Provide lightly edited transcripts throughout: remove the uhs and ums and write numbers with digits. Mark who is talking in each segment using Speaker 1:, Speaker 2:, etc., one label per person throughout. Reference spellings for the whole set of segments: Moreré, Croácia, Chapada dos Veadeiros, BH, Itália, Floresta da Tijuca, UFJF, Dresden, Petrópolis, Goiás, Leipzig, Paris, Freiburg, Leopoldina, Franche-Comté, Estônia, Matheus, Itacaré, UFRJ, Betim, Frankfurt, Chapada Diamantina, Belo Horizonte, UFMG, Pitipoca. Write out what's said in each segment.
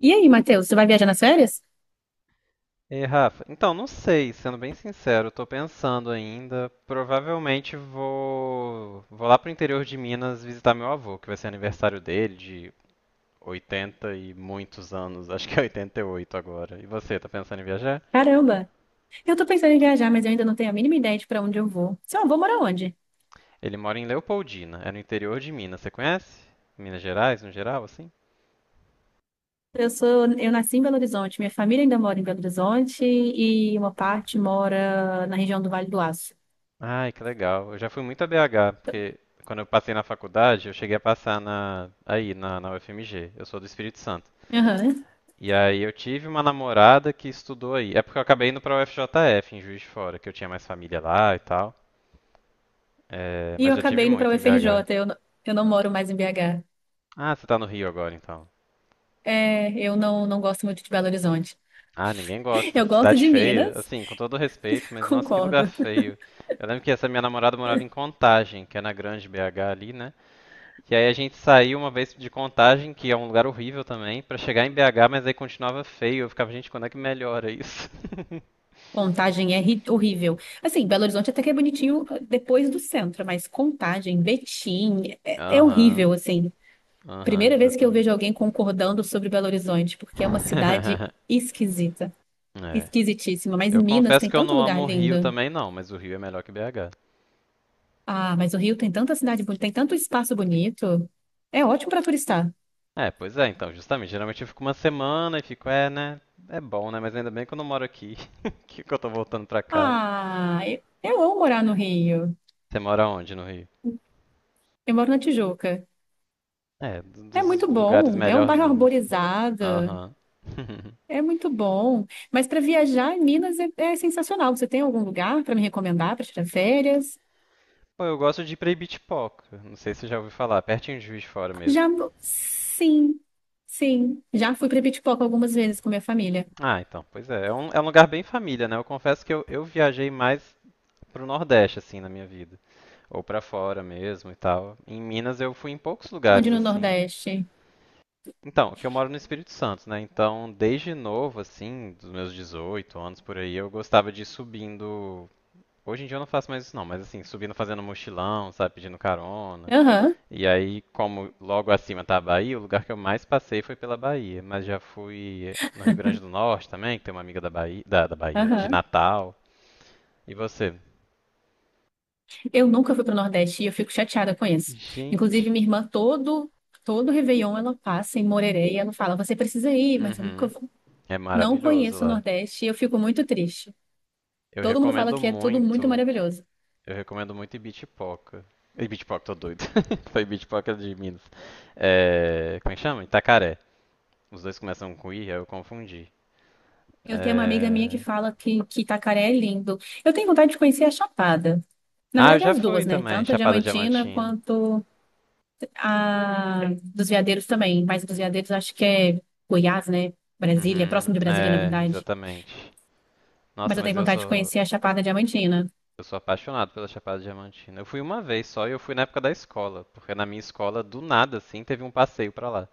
Speaker 1: E aí, Matheus, você vai viajar nas férias?
Speaker 2: E Rafa, então não sei, sendo bem sincero, estou pensando ainda. Provavelmente vou lá pro interior de Minas visitar meu avô, que vai ser aniversário dele de 80 e muitos anos, acho que é 88 agora. E você, tá pensando em viajar?
Speaker 1: Caramba, eu tô pensando em viajar, mas eu ainda não tenho a mínima ideia de pra onde eu vou. Se vou morar onde?
Speaker 2: Ele mora em Leopoldina, é no interior de Minas, você conhece? Minas Gerais, no geral, assim?
Speaker 1: Eu nasci em Belo Horizonte, minha família ainda mora em Belo Horizonte e uma parte mora na região do Vale do Aço.
Speaker 2: Ai, que legal. Eu já fui muito a BH, porque quando eu passei na faculdade, eu cheguei a passar na na UFMG. Eu sou do Espírito Santo.
Speaker 1: Aham.
Speaker 2: E aí eu tive uma namorada que estudou aí. É porque eu acabei indo pra UFJF, em Juiz de Fora, que eu tinha mais família lá e tal. É,
Speaker 1: E
Speaker 2: mas
Speaker 1: eu
Speaker 2: já tive
Speaker 1: acabei indo pra
Speaker 2: muito em BH.
Speaker 1: UFRJ, eu, n- eu não moro mais em BH.
Speaker 2: Ah, você tá no Rio agora então.
Speaker 1: É, eu não, não gosto muito de Belo Horizonte.
Speaker 2: Ah, ninguém gosta.
Speaker 1: Eu gosto
Speaker 2: Cidade
Speaker 1: de
Speaker 2: feia.
Speaker 1: Minas,
Speaker 2: Assim, com todo respeito, mas nossa, que lugar
Speaker 1: concordo.
Speaker 2: feio. Eu lembro que essa minha namorada morava em Contagem, que é na Grande BH ali, né? E aí a gente saiu uma vez de Contagem, que é um lugar horrível também, pra chegar em BH, mas aí continuava feio. Eu ficava, gente, quando é que melhora isso?
Speaker 1: Horrível. Assim, Belo Horizonte até que é bonitinho ah, depois do centro, mas Contagem, Betim, é
Speaker 2: Aham,
Speaker 1: horrível, assim.
Speaker 2: aham,
Speaker 1: Primeira vez que eu vejo
Speaker 2: exatamente.
Speaker 1: alguém concordando sobre Belo Horizonte, porque é uma cidade esquisita,
Speaker 2: É.
Speaker 1: esquisitíssima. Mas em
Speaker 2: Eu
Speaker 1: Minas
Speaker 2: confesso
Speaker 1: tem
Speaker 2: que eu
Speaker 1: tanto
Speaker 2: não amo
Speaker 1: lugar
Speaker 2: o Rio
Speaker 1: lindo.
Speaker 2: também não, mas o Rio é melhor que BH.
Speaker 1: Ah, mas o Rio tem tanta cidade bonita, tem tanto espaço bonito. É ótimo para turistar.
Speaker 2: É, pois é, então, justamente. Geralmente eu fico uma semana e fico, é, né? É bom, né? Mas ainda bem que eu não moro aqui. Que eu tô voltando pra casa.
Speaker 1: Ah, eu amo morar no Rio.
Speaker 2: Você mora onde no Rio?
Speaker 1: Eu moro na Tijuca.
Speaker 2: É, do-
Speaker 1: É
Speaker 2: dos
Speaker 1: muito
Speaker 2: lugares
Speaker 1: bom, é um bairro
Speaker 2: melhorzinhos, assim.
Speaker 1: arborizado.
Speaker 2: Aham.
Speaker 1: É muito bom. Mas para viajar em Minas é sensacional. Você tem algum lugar para me recomendar para tirar férias?
Speaker 2: Pô, eu gosto de ir pra Ibitipoca. Não sei se você já ouviu falar, pertinho de Juiz de Fora mesmo.
Speaker 1: Já, sim, sim. Já fui para Pitipoca algumas vezes com minha família.
Speaker 2: Ah, então, pois é. É um lugar bem família, né? Eu confesso que eu viajei mais pro Nordeste, assim, na minha vida. Ou pra fora mesmo e tal. Em Minas eu fui em poucos
Speaker 1: Onde
Speaker 2: lugares
Speaker 1: no
Speaker 2: assim.
Speaker 1: Nordeste?
Speaker 2: Então, que eu moro no Espírito Santo, né? Então, desde novo assim, dos meus 18 anos por aí, eu gostava de ir subindo. Hoje em dia eu não faço mais isso não, mas assim, subindo fazendo mochilão, sabe, pedindo carona.
Speaker 1: Aham,
Speaker 2: E aí, como logo acima tá a Bahia, o lugar que eu mais passei foi pela Bahia, mas já fui no Rio Grande do Norte também, que tem uma amiga da Bahia, da Bahia, de
Speaker 1: aham.
Speaker 2: Natal. E você?
Speaker 1: Eu nunca fui para o Nordeste e eu fico chateada com isso. Inclusive,
Speaker 2: Gente,
Speaker 1: minha irmã, todo Réveillon ela passa em Moreré e ela fala: Você precisa ir, mas eu nunca
Speaker 2: uhum,
Speaker 1: vou.
Speaker 2: é
Speaker 1: Não
Speaker 2: maravilhoso
Speaker 1: conheço o
Speaker 2: lá.
Speaker 1: Nordeste e eu fico muito triste.
Speaker 2: Eu
Speaker 1: Todo mundo fala
Speaker 2: recomendo
Speaker 1: que é tudo muito
Speaker 2: muito.
Speaker 1: maravilhoso.
Speaker 2: Eu recomendo muito Ibitipoca. Ibitipoca, tô doido. Foi Ibitipoca de Minas. É, como é que chama? Itacaré. Os dois começam com I, aí eu confundi.
Speaker 1: Eu tenho uma amiga minha que
Speaker 2: É...
Speaker 1: fala que Itacaré é lindo. Eu tenho vontade de conhecer a Chapada. Na
Speaker 2: Ah, eu
Speaker 1: verdade,
Speaker 2: já
Speaker 1: as
Speaker 2: fui
Speaker 1: duas, né?
Speaker 2: também,
Speaker 1: Tanto a
Speaker 2: Chapada
Speaker 1: Diamantina
Speaker 2: Diamantina.
Speaker 1: quanto a dos Veadeiros também. Mas a dos Veadeiros acho que é Goiás, né? Brasília,
Speaker 2: Uhum,
Speaker 1: próximo de Brasília, na
Speaker 2: é,
Speaker 1: verdade.
Speaker 2: exatamente.
Speaker 1: Mas
Speaker 2: Nossa,
Speaker 1: eu tenho
Speaker 2: mas
Speaker 1: vontade de conhecer a Chapada Diamantina.
Speaker 2: eu sou apaixonado pela Chapada Diamantina. Eu fui uma vez só e eu fui na época da escola, porque na minha escola, do nada, assim, teve um passeio pra lá.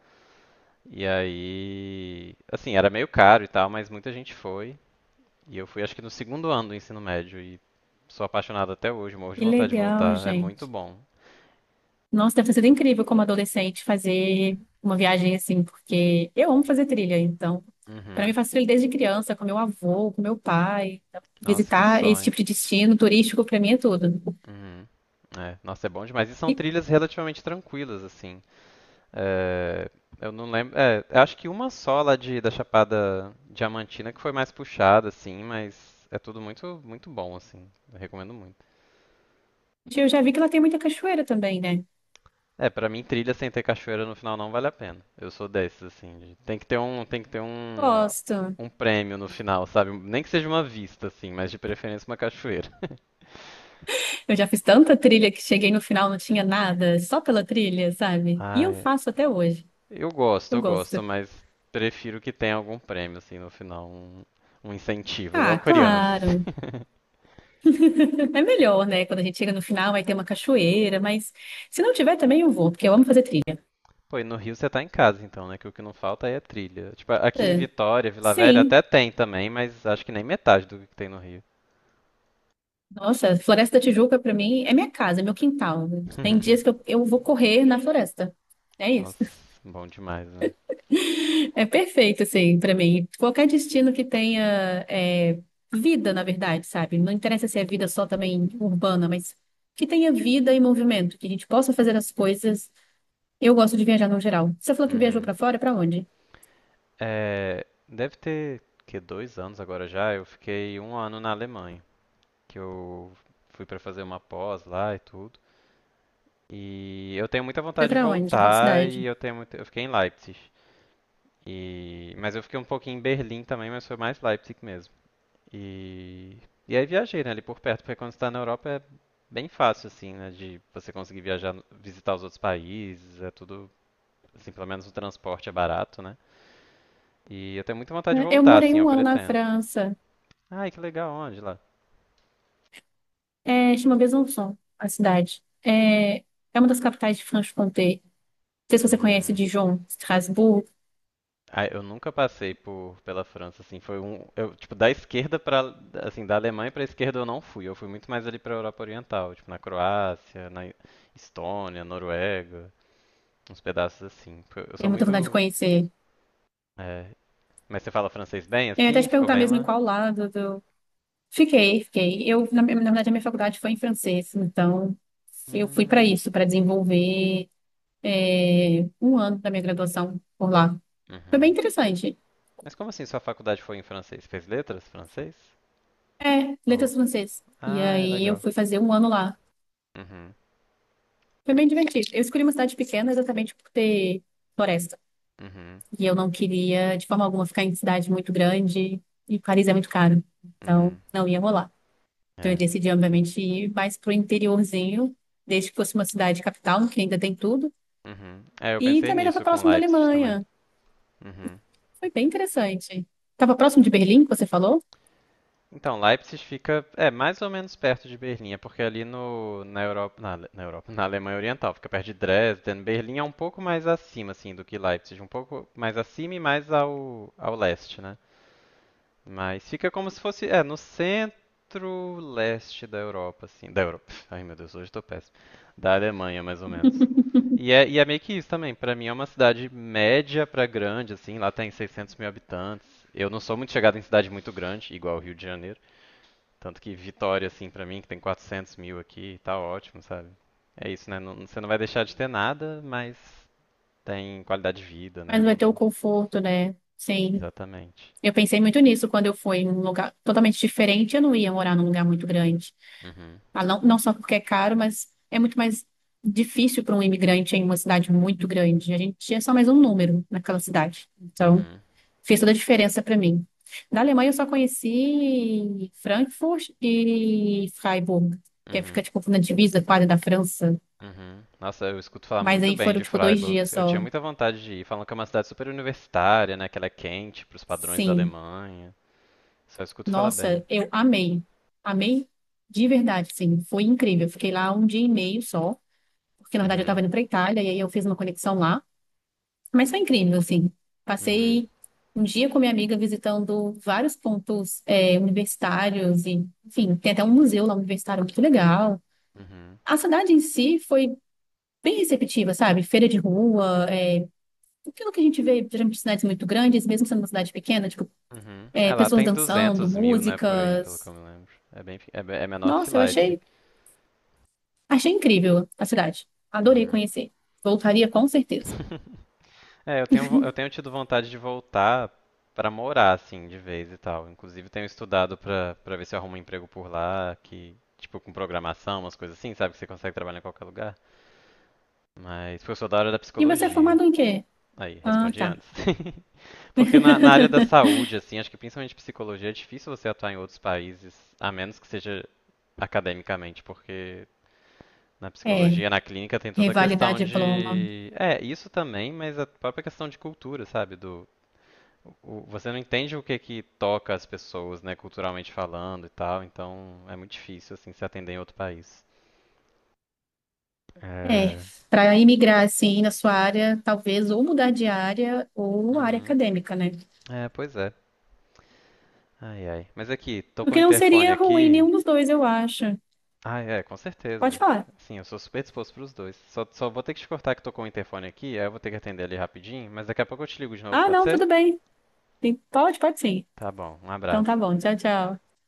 Speaker 2: E aí, assim, era meio caro e tal, mas muita gente foi. E eu fui acho que no segundo ano do ensino médio e sou apaixonado até hoje, morro de
Speaker 1: Que
Speaker 2: vontade de
Speaker 1: legal,
Speaker 2: voltar. É muito
Speaker 1: gente.
Speaker 2: bom.
Speaker 1: Nossa, deve ter sido incrível como adolescente fazer uma viagem assim, porque eu amo fazer trilha, então, para mim
Speaker 2: Uhum.
Speaker 1: faço trilha desde criança, com meu avô, com meu pai, então,
Speaker 2: Nossa, que
Speaker 1: visitar esse
Speaker 2: sonho.
Speaker 1: tipo de destino turístico para mim é tudo.
Speaker 2: Uhum. É, nossa, é bom demais. E são
Speaker 1: E
Speaker 2: trilhas relativamente tranquilas, assim. É, eu não lembro. É, eu acho que uma só lá de, da Chapada Diamantina que foi mais puxada, assim, mas é tudo muito, muito bom, assim. Eu recomendo muito.
Speaker 1: eu já vi que lá tem muita cachoeira também, né?
Speaker 2: É, pra mim trilha sem ter cachoeira no final não vale a pena. Eu sou desses assim, de- tem que ter
Speaker 1: Gosto.
Speaker 2: um prêmio no final, sabe? Nem que seja uma vista assim, mas de preferência uma cachoeira.
Speaker 1: Eu já fiz tanta trilha que cheguei no final não tinha nada, só pela trilha, sabe? E eu
Speaker 2: Ai,
Speaker 1: faço até hoje.
Speaker 2: eu gosto,
Speaker 1: Eu
Speaker 2: eu gosto,
Speaker 1: gosto.
Speaker 2: mas prefiro que tenha algum prêmio assim no final, um incentivo, igual a
Speaker 1: Ah,
Speaker 2: criança.
Speaker 1: claro. É melhor, né? Quando a gente chega no final, vai ter uma cachoeira, mas se não tiver também eu vou, porque eu amo fazer trilha.
Speaker 2: Pô, e no Rio você tá em casa então, né? Que o que não falta aí é trilha. Tipo, aqui em Vitória, Vila Velha
Speaker 1: Sim.
Speaker 2: até tem também, mas acho que nem metade do que tem no Rio.
Speaker 1: Nossa, Floresta da Tijuca pra mim é minha casa, é meu quintal. Tem dias que eu vou correr na floresta. É isso.
Speaker 2: Nossa, bom demais, né?
Speaker 1: É perfeito, assim, pra mim. Qualquer destino que tenha é, vida, na verdade, sabe? Não interessa se é vida só também urbana, mas que tenha vida e movimento, que a gente possa fazer as coisas. Eu gosto de viajar no geral. Você falou que viajou
Speaker 2: Uhum.
Speaker 1: pra fora, pra onde?
Speaker 2: É, deve ter que dois anos agora já. Eu fiquei um ano na Alemanha, que eu fui para fazer uma pós lá e tudo. E eu tenho muita
Speaker 1: Foi
Speaker 2: vontade de
Speaker 1: pra onde? Qual
Speaker 2: voltar e
Speaker 1: cidade?
Speaker 2: eu tenho muito... eu fiquei em Leipzig. E mas eu fiquei um pouquinho em Berlim também, mas foi mais Leipzig mesmo. E e aí viajei, né, ali por perto, porque quando você tá na Europa é bem fácil assim, né, de você conseguir viajar, visitar os outros países, é tudo assim, pelo menos o transporte é barato, né? E eu tenho muita vontade de
Speaker 1: É, eu
Speaker 2: voltar,
Speaker 1: morei
Speaker 2: assim, eu
Speaker 1: um ano na
Speaker 2: pretendo.
Speaker 1: França.
Speaker 2: Ai, que legal, onde lá?
Speaker 1: É, chama Besançon, a cidade. É uma das capitais de Franche-Comté. Sei se você conhece
Speaker 2: Hum.
Speaker 1: Dijon, Estrasburgo,
Speaker 2: Ah, eu nunca passei por pela França, assim, foi um, eu, tipo, da esquerda para, assim, da Alemanha pra esquerda eu não fui, eu fui muito mais ali pra Europa Oriental, tipo, na Croácia, na Estônia, Noruega, uns pedaços assim. Porque eu
Speaker 1: tenho
Speaker 2: sou
Speaker 1: muita vontade de
Speaker 2: muito,
Speaker 1: conhecer.
Speaker 2: é, mas você fala francês bem,
Speaker 1: Eu ia até
Speaker 2: assim,
Speaker 1: te
Speaker 2: ficou
Speaker 1: perguntar
Speaker 2: bem
Speaker 1: mesmo em
Speaker 2: lá?
Speaker 1: qual lado do... Fiquei, fiquei. Na verdade, a minha faculdade foi em francês, então eu fui para
Speaker 2: Hum.
Speaker 1: isso, para desenvolver é, um ano da minha graduação por lá. Foi bem
Speaker 2: Uhum.
Speaker 1: interessante.
Speaker 2: Mas como assim sua faculdade foi em francês? Fez letras francês?
Speaker 1: É,
Speaker 2: Ou...
Speaker 1: letras francês. E
Speaker 2: Ah, é
Speaker 1: aí eu
Speaker 2: legal.
Speaker 1: fui fazer um ano lá.
Speaker 2: Uhum.
Speaker 1: Foi bem divertido. Eu escolhi uma cidade pequena exatamente por ter floresta.
Speaker 2: Uhum.
Speaker 1: E eu não queria, de forma alguma, ficar em cidade muito grande. E Paris é muito caro. Então,
Speaker 2: Uhum.
Speaker 1: não ia rolar. Então, eu
Speaker 2: É,
Speaker 1: decidi, obviamente, ir mais pro interiorzinho, desde que fosse uma cidade capital, que ainda tem tudo.
Speaker 2: uhum. É, eu
Speaker 1: E
Speaker 2: pensei
Speaker 1: também estava
Speaker 2: nisso com
Speaker 1: próximo da
Speaker 2: Leipzig também.
Speaker 1: Alemanha.
Speaker 2: Uhum.
Speaker 1: Foi bem interessante. Estava próximo de Berlim, que você falou,
Speaker 2: Então, Leipzig fica, é, mais ou menos perto de Berlim, é porque ali no, na Europa, na, Ale- na Europa, na Alemanha Oriental, fica perto de Dresden. Berlim é um pouco mais acima, assim, do que Leipzig, um pouco mais acima e mais ao leste, né? Mas fica como se fosse, é, no centro-leste da Europa, assim. Da Europa. Ai, meu Deus, hoje tô péssimo. Da Alemanha, mais ou menos. E é meio que isso também. Pra mim é uma cidade média pra grande, assim. Lá tem 600 mil habitantes. Eu não sou muito chegado em cidade muito grande, igual o Rio de Janeiro. Tanto que Vitória, assim, pra mim, que tem 400 mil aqui, tá ótimo, sabe? É isso, né? Não- você não vai deixar de ter nada, mas tem qualidade de vida,
Speaker 1: mas
Speaker 2: né?
Speaker 1: não vai
Speaker 2: Não-
Speaker 1: ter o
Speaker 2: não-
Speaker 1: conforto, né? Sim.
Speaker 2: exatamente.
Speaker 1: Eu pensei muito nisso quando eu fui em um lugar totalmente diferente. Eu não ia morar num lugar muito grande.
Speaker 2: Uhum,
Speaker 1: Ah, não, não só porque é caro, mas é muito mais difícil para um imigrante em uma cidade muito grande. A gente é só mais um número naquela cidade. Então,
Speaker 2: uhum,
Speaker 1: fez toda a diferença para mim. Da Alemanha eu só conheci Frankfurt e Freiburg, que fica
Speaker 2: uhum.
Speaker 1: tipo na divisa quase da França.
Speaker 2: Uhum. Nossa, eu escuto falar
Speaker 1: Mas
Speaker 2: muito
Speaker 1: aí
Speaker 2: bem
Speaker 1: foram
Speaker 2: de
Speaker 1: tipo dois
Speaker 2: Freiburg.
Speaker 1: dias
Speaker 2: Eu tinha
Speaker 1: só.
Speaker 2: muita vontade de ir. Falam que é uma cidade super universitária, né? Que ela é quente pros padrões da
Speaker 1: Sim,
Speaker 2: Alemanha. Só escuto falar bem.
Speaker 1: nossa, amei de verdade, sim, foi incrível. Fiquei lá um dia e meio só, porque na verdade eu
Speaker 2: Uhum,
Speaker 1: tava indo para Itália e aí eu fiz uma conexão lá. Mas foi incrível, assim.
Speaker 2: uhum,
Speaker 1: Passei um dia com minha amiga visitando vários pontos universitários e, enfim, tem até um museu lá universitário muito legal.
Speaker 2: uhum,
Speaker 1: A cidade em si foi bem receptiva, sabe? Feira de rua, é, aquilo que a gente vê geralmente em cidades muito grandes, mesmo sendo uma cidade pequena, tipo,
Speaker 2: uhum. É,
Speaker 1: é,
Speaker 2: lá
Speaker 1: pessoas
Speaker 2: tem
Speaker 1: dançando,
Speaker 2: 200 mil, né? Por aí, pelo que
Speaker 1: músicas.
Speaker 2: eu me lembro. É bem, pe- é, be- é menor do que
Speaker 1: Nossa,
Speaker 2: Leipzig.
Speaker 1: achei incrível a cidade. Adorei
Speaker 2: Uhum.
Speaker 1: conhecer. Voltaria com certeza.
Speaker 2: É, eu tenho, vo- eu tenho tido vontade de voltar pra morar, assim, de vez e tal. Inclusive, tenho estudado pra para ver se eu arrumo um emprego por lá, que, tipo, com programação, umas coisas assim, sabe? Que você consegue trabalhar em qualquer lugar. Mas, foi só da área da
Speaker 1: E você é
Speaker 2: psicologia.
Speaker 1: formado em quê?
Speaker 2: Aí,
Speaker 1: Ah,
Speaker 2: respondi
Speaker 1: tá.
Speaker 2: antes. Porque na área da saúde, assim, acho que principalmente psicologia, é difícil você atuar em outros países, a menos que seja academicamente, porque na
Speaker 1: É,
Speaker 2: psicologia, na clínica, tem toda a
Speaker 1: revalidar
Speaker 2: questão
Speaker 1: diploma.
Speaker 2: de. É, isso também, mas a própria questão de cultura, sabe? Do, o- você não entende o que que toca as pessoas, né, culturalmente falando e tal, então é muito difícil, assim, se atender em outro país.
Speaker 1: É,
Speaker 2: É.
Speaker 1: para imigrar assim na sua área, talvez ou mudar de área ou área
Speaker 2: Uhum.
Speaker 1: acadêmica, né?
Speaker 2: É, pois é. Ai, ai. Mas aqui, tocou o
Speaker 1: Porque não
Speaker 2: interfone
Speaker 1: seria ruim
Speaker 2: aqui.
Speaker 1: nenhum dos dois, eu acho.
Speaker 2: Ah, é, com
Speaker 1: Pode
Speaker 2: certeza.
Speaker 1: falar.
Speaker 2: Sim, eu sou super disposto pros dois. Só, só vou ter que te cortar que tocou o interfone aqui, aí eu vou ter que atender ali rapidinho, mas daqui a pouco eu te ligo de novo,
Speaker 1: Ah,
Speaker 2: pode
Speaker 1: não,
Speaker 2: ser?
Speaker 1: tudo bem. Sim, pode, pode sim.
Speaker 2: Tá bom, um
Speaker 1: Então
Speaker 2: abraço.
Speaker 1: tá bom. Tchau, tchau.